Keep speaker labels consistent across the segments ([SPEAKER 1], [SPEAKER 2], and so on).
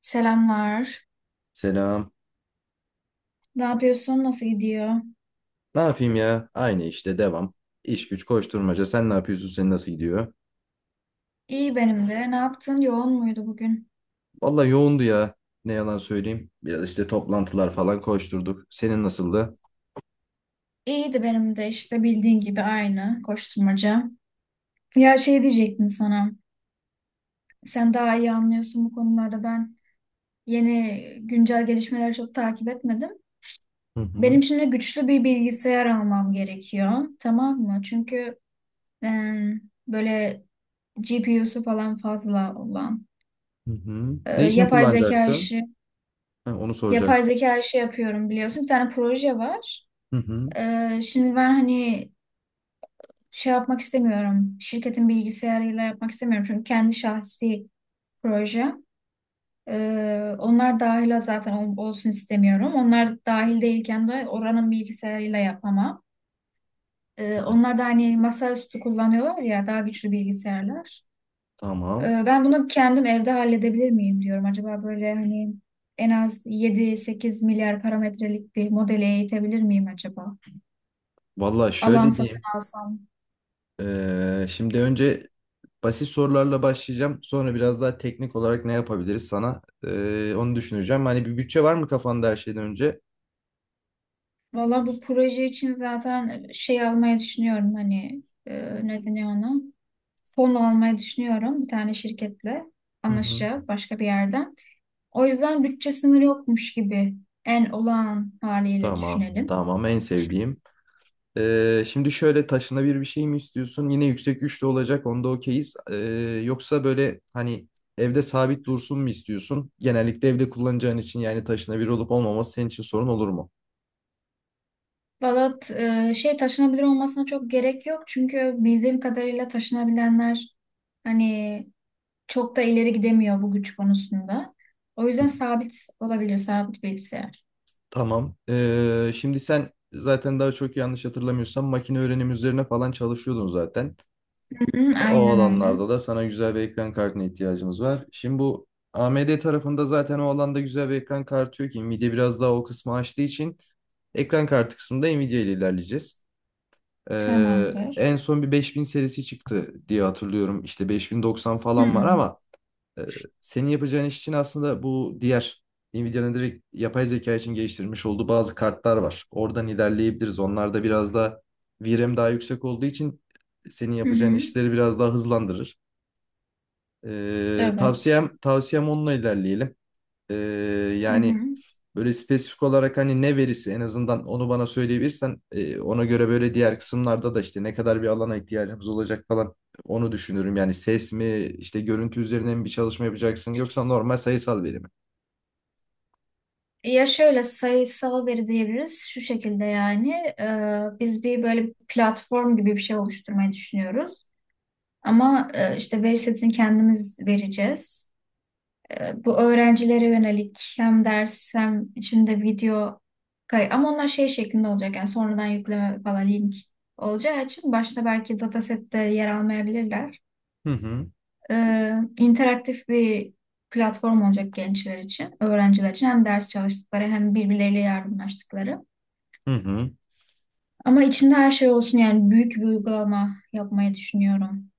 [SPEAKER 1] Selamlar.
[SPEAKER 2] Selam.
[SPEAKER 1] Ne yapıyorsun? Nasıl gidiyor?
[SPEAKER 2] Ne yapayım ya? Aynı işte devam. İş güç koşturmaca. Sen ne yapıyorsun? Senin nasıl gidiyor?
[SPEAKER 1] İyi benim de. Ne yaptın? Yoğun muydu bugün?
[SPEAKER 2] Valla yoğundu ya. Ne yalan söyleyeyim. Biraz işte toplantılar falan koşturduk. Senin nasıldı?
[SPEAKER 1] İyiydi benim de işte bildiğin gibi aynı koşturmaca. Ya şey diyecektim sana. Sen daha iyi anlıyorsun bu konularda. Ben yeni güncel gelişmeleri çok takip etmedim.
[SPEAKER 2] Hı hı.
[SPEAKER 1] Benim şimdi güçlü bir bilgisayar almam gerekiyor. Tamam mı? Çünkü e, böyle GPU'su falan fazla olan
[SPEAKER 2] Hı hı. Ne için
[SPEAKER 1] yapay zeka
[SPEAKER 2] kullanacaktın?
[SPEAKER 1] işi,
[SPEAKER 2] Ha, onu soracaktım.
[SPEAKER 1] yapıyorum biliyorsun. Bir tane proje var.
[SPEAKER 2] Hı hı.
[SPEAKER 1] Şimdi ben hani şey yapmak istemiyorum. Şirketin bilgisayarıyla yapmak istemiyorum. Çünkü kendi şahsi proje. Onlar dahil zaten olsun istemiyorum. Onlar dahil değilken de oranın bilgisayarıyla yapamam. Ee,
[SPEAKER 2] Evet,
[SPEAKER 1] onlar da hani masaüstü kullanıyorlar ya, daha güçlü bilgisayarlar.
[SPEAKER 2] tamam.
[SPEAKER 1] Ben bunu kendim evde halledebilir miyim diyorum. Acaba böyle hani en az 7-8 milyar parametrelik bir modeli eğitebilir miyim acaba?
[SPEAKER 2] Valla
[SPEAKER 1] Alan
[SPEAKER 2] şöyle
[SPEAKER 1] satın
[SPEAKER 2] diyeyim.
[SPEAKER 1] alsam.
[SPEAKER 2] Şimdi önce basit sorularla başlayacağım. Sonra biraz daha teknik olarak ne yapabiliriz sana? Onu düşüneceğim. Hani bir bütçe var mı kafanda her şeyden önce?
[SPEAKER 1] Valla bu proje için zaten şey almayı düşünüyorum, hani ne deniyor ona? Fon almayı düşünüyorum, bir tane şirketle
[SPEAKER 2] Hı hı.
[SPEAKER 1] anlaşacağız başka bir yerden. O yüzden bütçe sınırı yokmuş gibi en olağan haliyle
[SPEAKER 2] Tamam,
[SPEAKER 1] düşünelim.
[SPEAKER 2] tamam. En sevdiğim. Şimdi şöyle taşınabilir bir şey mi istiyorsun? Yine yüksek güçlü olacak. Onda okeyiz. Yoksa böyle hani evde sabit dursun mu istiyorsun? Genellikle evde kullanacağın için yani taşınabilir olup olmaması senin için sorun olur mu?
[SPEAKER 1] Valla şey, taşınabilir olmasına çok gerek yok çünkü bildiğim kadarıyla taşınabilenler hani çok da ileri gidemiyor bu güç konusunda. O
[SPEAKER 2] Hı.
[SPEAKER 1] yüzden sabit olabilir, sabit bilgisayar.
[SPEAKER 2] Tamam. Şimdi sen zaten daha çok yanlış hatırlamıyorsam makine öğrenim üzerine falan çalışıyordun zaten.
[SPEAKER 1] Hı hı,
[SPEAKER 2] O
[SPEAKER 1] aynen öyle.
[SPEAKER 2] alanlarda da sana güzel bir ekran kartına ihtiyacımız var. Şimdi bu AMD tarafında zaten o alanda güzel bir ekran kartı yok ki. Nvidia biraz daha o kısmı açtığı için ekran kartı kısmında Nvidia ile ilerleyeceğiz.
[SPEAKER 1] Tamamdır.
[SPEAKER 2] En son bir 5000 serisi çıktı diye hatırlıyorum. İşte 5090 falan var
[SPEAKER 1] Hı.
[SPEAKER 2] ama e, senin yapacağın iş için aslında bu diğer Nvidia'nın direkt yapay zeka için geliştirmiş olduğu bazı kartlar var. Oradan ilerleyebiliriz. Onlarda biraz da VRAM daha yüksek olduğu için senin
[SPEAKER 1] Hı
[SPEAKER 2] yapacağın
[SPEAKER 1] hı.
[SPEAKER 2] işleri biraz daha hızlandırır. Ee,
[SPEAKER 1] Evet.
[SPEAKER 2] tavsiyem tavsiyem onunla ilerleyelim. Ee,
[SPEAKER 1] Hı
[SPEAKER 2] Yani
[SPEAKER 1] hı.
[SPEAKER 2] böyle spesifik olarak hani ne verisi en azından onu bana söyleyebilirsen ona göre böyle diğer kısımlarda da işte ne kadar bir alana ihtiyacımız olacak falan onu düşünürüm. Yani ses mi işte görüntü üzerine mi bir çalışma yapacaksın yoksa normal sayısal veri mi?
[SPEAKER 1] Ya şöyle, sayısal veri diyebiliriz şu şekilde. Yani biz bir böyle platform gibi bir şey oluşturmayı düşünüyoruz. Ama işte veri setini kendimiz vereceğiz. Bu öğrencilere yönelik hem ders hem içinde video kay, ama onlar şey şeklinde olacak, yani sonradan yükleme falan link olacağı için başta belki datasette yer almayabilirler.
[SPEAKER 2] Hı hı.
[SPEAKER 1] E, interaktif bir platform olacak gençler için, öğrenciler için, hem ders çalıştıkları hem birbirleriyle yardımlaştıkları.
[SPEAKER 2] Hı hı.
[SPEAKER 1] Ama içinde her şey olsun, yani büyük bir uygulama yapmayı düşünüyorum.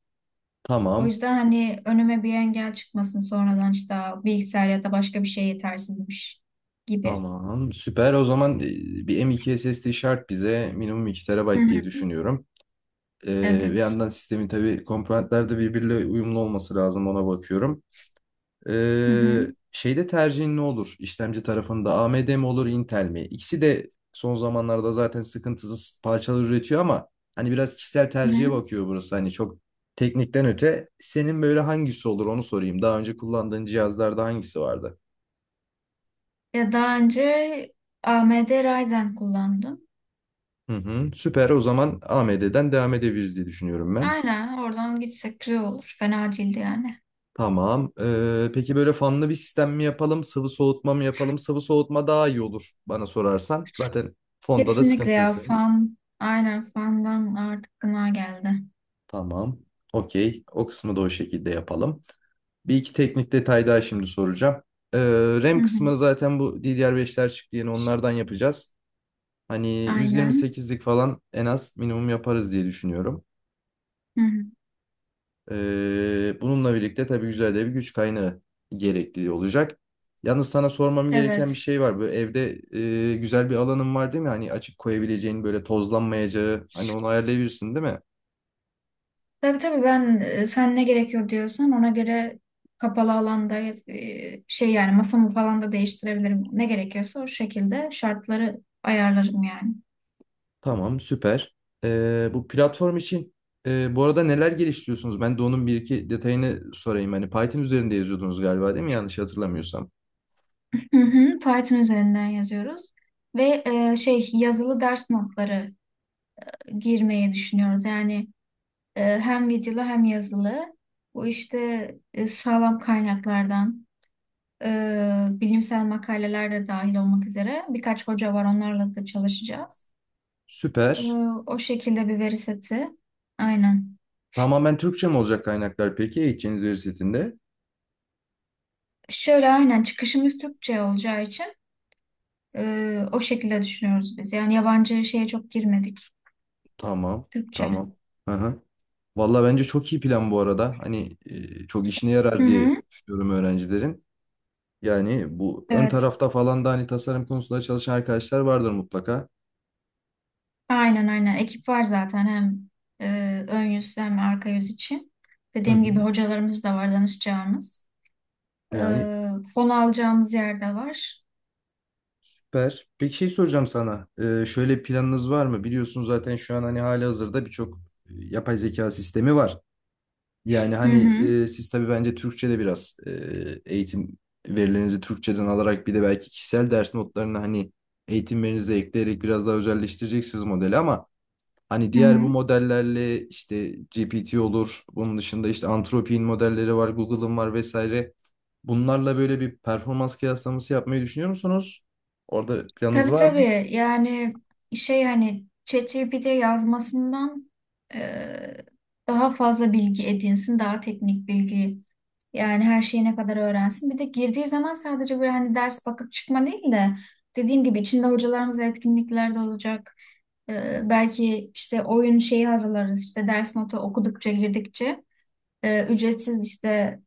[SPEAKER 1] O
[SPEAKER 2] Tamam.
[SPEAKER 1] yüzden hani önüme bir engel çıkmasın sonradan, işte "Aa, bilgisayar ya da başka bir şey yetersizmiş" gibi.
[SPEAKER 2] Tamam. Süper. O zaman bir M.2 SSD şart bize minimum iki
[SPEAKER 1] Hı
[SPEAKER 2] TB diye
[SPEAKER 1] hı.
[SPEAKER 2] düşünüyorum. Bir
[SPEAKER 1] Evet.
[SPEAKER 2] yandan sistemin tabii komponentler de birbiriyle uyumlu olması lazım, ona bakıyorum.
[SPEAKER 1] Hı hı.
[SPEAKER 2] Şeyde tercihin ne olur? İşlemci tarafında AMD mi olur, Intel mi? İkisi de son zamanlarda zaten sıkıntısız parçalar üretiyor ama hani biraz kişisel
[SPEAKER 1] Hı
[SPEAKER 2] tercihe
[SPEAKER 1] hı.
[SPEAKER 2] bakıyor burası. Hani çok teknikten öte senin böyle hangisi olur onu sorayım. Daha önce kullandığın cihazlarda hangisi vardı?
[SPEAKER 1] Ya daha önce AMD Ryzen kullandım.
[SPEAKER 2] Hı hı, süper. O zaman AMD'den devam edebiliriz diye düşünüyorum ben.
[SPEAKER 1] Aynen, oradan gitsek güzel olur. Fena değildi yani.
[SPEAKER 2] Tamam. Peki böyle fanlı bir sistem mi yapalım, sıvı soğutma mı yapalım? Sıvı soğutma daha iyi olur bana sorarsan. Zaten fonda da
[SPEAKER 1] Kesinlikle
[SPEAKER 2] sıkıntı yok.
[SPEAKER 1] ya, fan. Aynen, fandan artık gına geldi.
[SPEAKER 2] Tamam. Okey. O kısmı da o şekilde yapalım. Bir iki teknik detay daha şimdi soracağım. Ee,
[SPEAKER 1] Hı
[SPEAKER 2] RAM
[SPEAKER 1] hı.
[SPEAKER 2] kısmı zaten bu ddr beşler çıktı yeni, onlardan yapacağız. Hani
[SPEAKER 1] Aynen.
[SPEAKER 2] 128'lik falan en az minimum yaparız diye düşünüyorum.
[SPEAKER 1] Hı hı.
[SPEAKER 2] Bununla birlikte tabii güzel de bir güç kaynağı gerekli olacak. Yalnız sana sormam gereken bir
[SPEAKER 1] Evet.
[SPEAKER 2] şey var. Böyle evde güzel bir alanın var değil mi? Hani açık koyabileceğin, böyle tozlanmayacağı, hani onu ayarlayabilirsin değil mi?
[SPEAKER 1] Tabii tabii, ben sen ne gerekiyor diyorsan ona göre, kapalı alanda şey, yani masamı falan da değiştirebilirim. Ne gerekiyorsa o şekilde şartları ayarlarım yani.
[SPEAKER 2] Tamam, süper. Bu platform için bu arada neler geliştiriyorsunuz? Ben de onun bir iki detayını sorayım. Hani Python üzerinde yazıyordunuz galiba değil mi? Yanlış hatırlamıyorsam.
[SPEAKER 1] Hı hı, Python üzerinden yazıyoruz ve şey, yazılı ders notları girmeyi düşünüyoruz. Yani hem videolu hem yazılı. Bu işte sağlam kaynaklardan. Bilimsel makaleler de dahil olmak üzere birkaç hoca var, onlarla da çalışacağız. Ee,
[SPEAKER 2] Süper.
[SPEAKER 1] o şekilde bir veri seti. Aynen.
[SPEAKER 2] Tamamen Türkçe mi olacak kaynaklar peki eğiteceğiniz veri setinde?
[SPEAKER 1] Şöyle, aynen çıkışımız Türkçe olacağı için o şekilde düşünüyoruz biz. Yani yabancı şeye çok girmedik.
[SPEAKER 2] Tamam,
[SPEAKER 1] Türkçe.
[SPEAKER 2] tamam. Hı hı. Valla bence çok iyi plan bu arada. Hani çok işine
[SPEAKER 1] Hı
[SPEAKER 2] yarar diye
[SPEAKER 1] hı.
[SPEAKER 2] düşünüyorum öğrencilerin. Yani bu ön
[SPEAKER 1] Evet.
[SPEAKER 2] tarafta falan da hani tasarım konusunda çalışan arkadaşlar vardır mutlaka.
[SPEAKER 1] Aynen aynen. Ekip var zaten hem ön yüz hem arka yüz için.
[SPEAKER 2] Hı
[SPEAKER 1] Dediğim gibi
[SPEAKER 2] hı.
[SPEAKER 1] hocalarımız da var, danışacağımız.
[SPEAKER 2] Yani.
[SPEAKER 1] Ee, fon alacağımız yer de var.
[SPEAKER 2] Süper. Peki şey soracağım sana. Şöyle bir planınız var mı? Biliyorsun zaten şu an hani hali hazırda birçok yapay zeka sistemi var. Yani
[SPEAKER 1] Hı
[SPEAKER 2] hani
[SPEAKER 1] hı.
[SPEAKER 2] siz tabii bence Türkçe'de biraz eğitim verilerinizi Türkçeden alarak bir de belki kişisel ders notlarını hani eğitimlerinize ekleyerek biraz daha özelleştireceksiniz modeli ama hani
[SPEAKER 1] Hı
[SPEAKER 2] diğer bu
[SPEAKER 1] hı.
[SPEAKER 2] modellerle, işte GPT olur, bunun dışında işte Anthropic'in modelleri var, Google'ın var vesaire. Bunlarla böyle bir performans kıyaslaması yapmayı düşünüyor musunuz? Orada planınız
[SPEAKER 1] Tabii
[SPEAKER 2] var mı?
[SPEAKER 1] tabii. Yani şey, hani ChatGPT yazmasından e, daha fazla bilgi edinsin, daha teknik bilgi, yani her şeyi ne kadar öğrensin. Bir de girdiği zaman sadece böyle hani ders bakıp çıkma değil de, dediğim gibi içinde hocalarımız etkinliklerde olacak. Belki işte oyun şeyi hazırlarız, işte ders notu okudukça girdikçe ücretsiz işte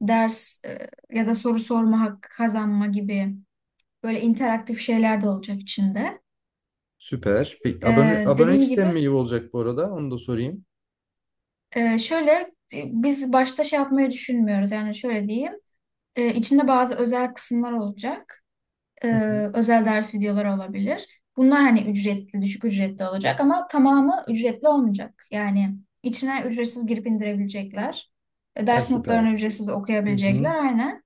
[SPEAKER 1] ders ya da soru sorma hakkı kazanma gibi, böyle interaktif şeyler de olacak içinde.
[SPEAKER 2] Süper. Peki
[SPEAKER 1] Ee,
[SPEAKER 2] abonelik
[SPEAKER 1] dediğim gibi
[SPEAKER 2] sistemi mi iyi olacak bu arada? Onu da sorayım.
[SPEAKER 1] şöyle, biz başta şey yapmayı düşünmüyoruz, yani şöyle diyeyim. İçinde bazı özel kısımlar olacak.
[SPEAKER 2] Hı hı.
[SPEAKER 1] Özel ders videoları olabilir bunlar, hani ücretli, düşük ücretli olacak, ama tamamı ücretli olmayacak. Yani içine ücretsiz girip indirebilecekler. Ee,
[SPEAKER 2] Ha,
[SPEAKER 1] ders
[SPEAKER 2] süper.
[SPEAKER 1] notlarını ücretsiz
[SPEAKER 2] Hı hı.
[SPEAKER 1] okuyabilecekler, aynen.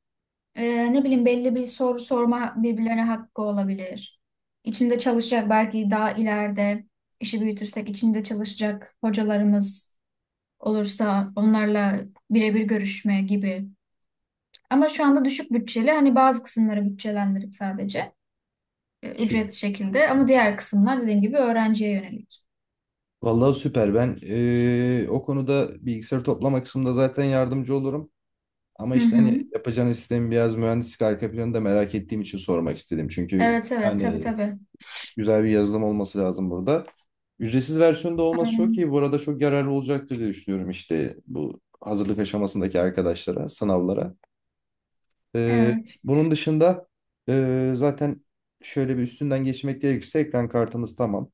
[SPEAKER 1] Ne bileyim, belli bir soru sorma birbirlerine hakkı olabilir. İçinde çalışacak belki, daha ileride işi büyütürsek içinde çalışacak hocalarımız olursa onlarla birebir görüşme gibi. Ama şu anda düşük bütçeli, hani bazı kısımları bütçelendirip sadece
[SPEAKER 2] Sü
[SPEAKER 1] ücret şekilde, ama diğer kısımlar dediğim gibi öğrenciye yönelik.
[SPEAKER 2] Vallahi süper. Ben o konuda bilgisayar toplama kısmında zaten yardımcı olurum. Ama
[SPEAKER 1] Hı
[SPEAKER 2] işte
[SPEAKER 1] hı.
[SPEAKER 2] hani yapacağınız sistemin biraz mühendislik arka planını da merak ettiğim için sormak istedim. Çünkü
[SPEAKER 1] Evet evet, tabii
[SPEAKER 2] hani
[SPEAKER 1] tabii.
[SPEAKER 2] güzel bir yazılım olması lazım burada. Ücretsiz versiyonda olması çok iyi.
[SPEAKER 1] Aynen.
[SPEAKER 2] Bu arada çok yararlı olacaktır diye düşünüyorum işte bu hazırlık aşamasındaki arkadaşlara, sınavlara. Ee,
[SPEAKER 1] Evet.
[SPEAKER 2] Bunun dışında zaten şöyle bir üstünden geçmek gerekirse ekran kartımız tamam.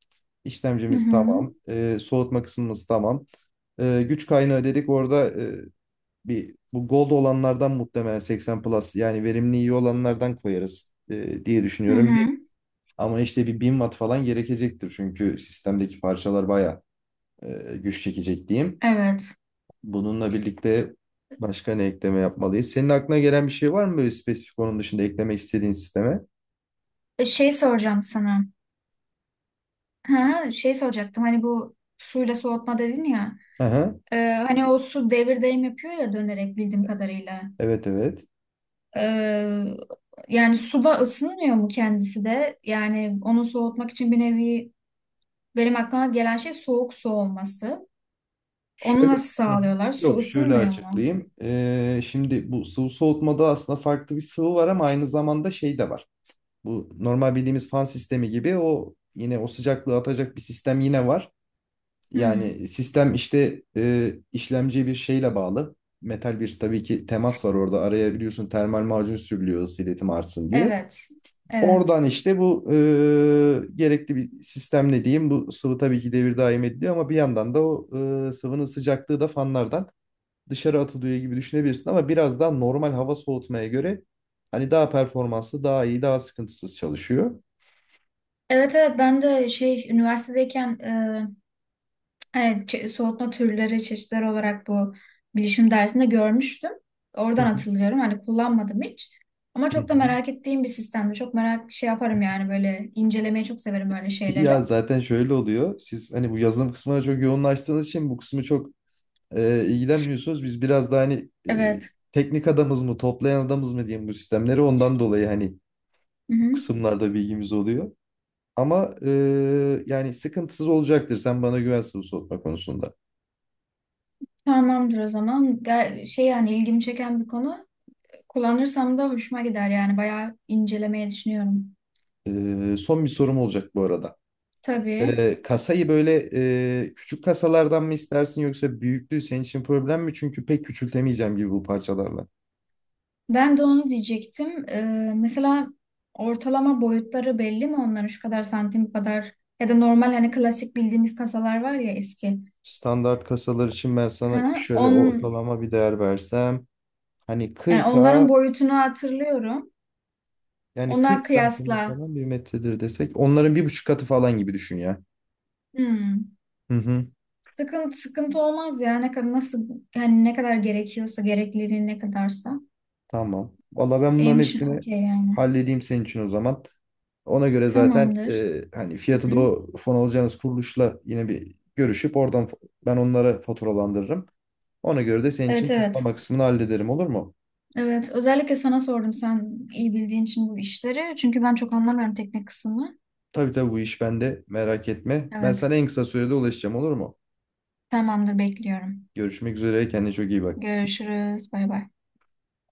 [SPEAKER 1] Hı
[SPEAKER 2] İşlemcimiz
[SPEAKER 1] hı.
[SPEAKER 2] tamam. Soğutma kısmımız tamam. Güç kaynağı dedik, orada bir bu Gold olanlardan muhtemelen 80 Plus, yani verimli iyi olanlardan koyarız diye
[SPEAKER 1] Hı
[SPEAKER 2] düşünüyorum.
[SPEAKER 1] hı.
[SPEAKER 2] Ama işte bir 1000 watt falan gerekecektir. Çünkü sistemdeki parçalar baya güç çekecek diyeyim.
[SPEAKER 1] Evet.
[SPEAKER 2] Bununla birlikte başka ne ekleme yapmalıyız? Senin aklına gelen bir şey var mı böyle spesifik, onun dışında eklemek istediğin sisteme?
[SPEAKER 1] Şey soracağım sana. Ha, şey soracaktım, hani bu suyla soğutma dedin ya.
[SPEAKER 2] Hı hı.
[SPEAKER 1] E, hani o su devir daim yapıyor ya, dönerek bildiğim kadarıyla.
[SPEAKER 2] Evet, evet.
[SPEAKER 1] Ee, yani suda ısınmıyor mu kendisi de? Yani onu soğutmak için bir nevi, benim aklıma gelen şey soğuk su olması. Onu
[SPEAKER 2] Şöyle
[SPEAKER 1] nasıl
[SPEAKER 2] Hı hı.
[SPEAKER 1] sağlıyorlar? Su
[SPEAKER 2] Yok, şöyle
[SPEAKER 1] ısınmıyor mu?
[SPEAKER 2] açıklayayım. Şimdi bu sıvı soğutmada aslında farklı bir sıvı var ama aynı zamanda şey de var. Bu normal bildiğimiz fan sistemi gibi o yine o sıcaklığı atacak bir sistem yine var.
[SPEAKER 1] Hmm,
[SPEAKER 2] Yani sistem işte işlemciye bir şeyle bağlı. Metal bir tabii ki temas var orada. Araya biliyorsun termal macun sürülüyor ısı iletim artsın diye.
[SPEAKER 1] evet. Evet.
[SPEAKER 2] Oradan işte bu gerekli bir sistemle diyeyim. Bu sıvı tabii ki devir daim ediliyor ama bir yandan da o sıvının sıcaklığı da fanlardan dışarı atılıyor gibi düşünebilirsin. Ama biraz daha normal hava soğutmaya göre hani daha performanslı, daha iyi, daha sıkıntısız çalışıyor.
[SPEAKER 1] Evet evet, ben de şey, üniversitedeyken hani soğutma türleri, çeşitler olarak bu bilişim dersinde görmüştüm.
[SPEAKER 2] Hı
[SPEAKER 1] Oradan
[SPEAKER 2] hı.
[SPEAKER 1] hatırlıyorum. Hani kullanmadım hiç. Ama
[SPEAKER 2] Hı
[SPEAKER 1] çok da
[SPEAKER 2] hı.
[SPEAKER 1] merak ettiğim bir sistemdi. Çok merak şey yaparım yani, böyle incelemeyi çok severim böyle şeyleri.
[SPEAKER 2] Ya zaten şöyle oluyor. Siz hani bu yazılım kısmına çok yoğunlaştığınız için bu kısmı çok ilgilenmiyorsunuz. Biz biraz daha hani
[SPEAKER 1] Evet.
[SPEAKER 2] teknik adamız mı, toplayan adamız mı diyeyim bu sistemleri. Ondan dolayı hani bu
[SPEAKER 1] Hı hı.
[SPEAKER 2] kısımlarda bilgimiz oluyor. Ama yani sıkıntısız olacaktır. Sen bana güvensin bu sohbet konusunda.
[SPEAKER 1] Tamamdır o zaman. Şey, yani ilgimi çeken bir konu. Kullanırsam da hoşuma gider yani, bayağı incelemeye düşünüyorum.
[SPEAKER 2] Son bir sorum olacak bu arada.
[SPEAKER 1] Tabii.
[SPEAKER 2] Kasayı böyle küçük kasalardan mı istersin, yoksa büyüklüğü senin için problem mi? Çünkü pek küçültemeyeceğim gibi bu parçalarla.
[SPEAKER 1] Ben de onu diyecektim. Mesela ortalama boyutları belli mi onların, şu kadar santim bu kadar, ya da normal hani klasik bildiğimiz kasalar var ya, eski.
[SPEAKER 2] Standart kasalar için ben sana
[SPEAKER 1] Ha,
[SPEAKER 2] şöyle ortalama bir değer versem. Hani
[SPEAKER 1] yani
[SPEAKER 2] 40'a,
[SPEAKER 1] onların boyutunu hatırlıyorum.
[SPEAKER 2] yani
[SPEAKER 1] Ona
[SPEAKER 2] 40 santim
[SPEAKER 1] kıyasla,
[SPEAKER 2] falan bir metredir desek. Onların bir buçuk katı falan gibi düşün ya.
[SPEAKER 1] hmm,
[SPEAKER 2] Hı hı,
[SPEAKER 1] sıkıntı olmaz ya, ne kadar nasıl, yani ne kadar gerekiyorsa, gerekliliği ne kadarsa
[SPEAKER 2] tamam. Valla ben bunların
[SPEAKER 1] benim için
[SPEAKER 2] hepsini
[SPEAKER 1] okey yani.
[SPEAKER 2] halledeyim senin için o zaman. Ona göre zaten
[SPEAKER 1] Tamamdır.
[SPEAKER 2] hani
[SPEAKER 1] Hı
[SPEAKER 2] fiyatı
[SPEAKER 1] hı.
[SPEAKER 2] da o fon alacağınız kuruluşla yine bir görüşüp oradan ben onlara faturalandırırım. Ona göre de senin için
[SPEAKER 1] Evet
[SPEAKER 2] toplama
[SPEAKER 1] evet.
[SPEAKER 2] kısmını hallederim, olur mu?
[SPEAKER 1] Evet. Özellikle sana sordum, sen iyi bildiğin için bu işleri. Çünkü ben çok anlamıyorum teknik kısmını.
[SPEAKER 2] Tabii, tabii, bu iş bende, merak etme. Ben
[SPEAKER 1] Evet.
[SPEAKER 2] sana en kısa sürede ulaşacağım, olur mu?
[SPEAKER 1] Tamamdır, bekliyorum.
[SPEAKER 2] Görüşmek üzere. Kendine çok iyi bak.
[SPEAKER 1] Görüşürüz. Bay bay.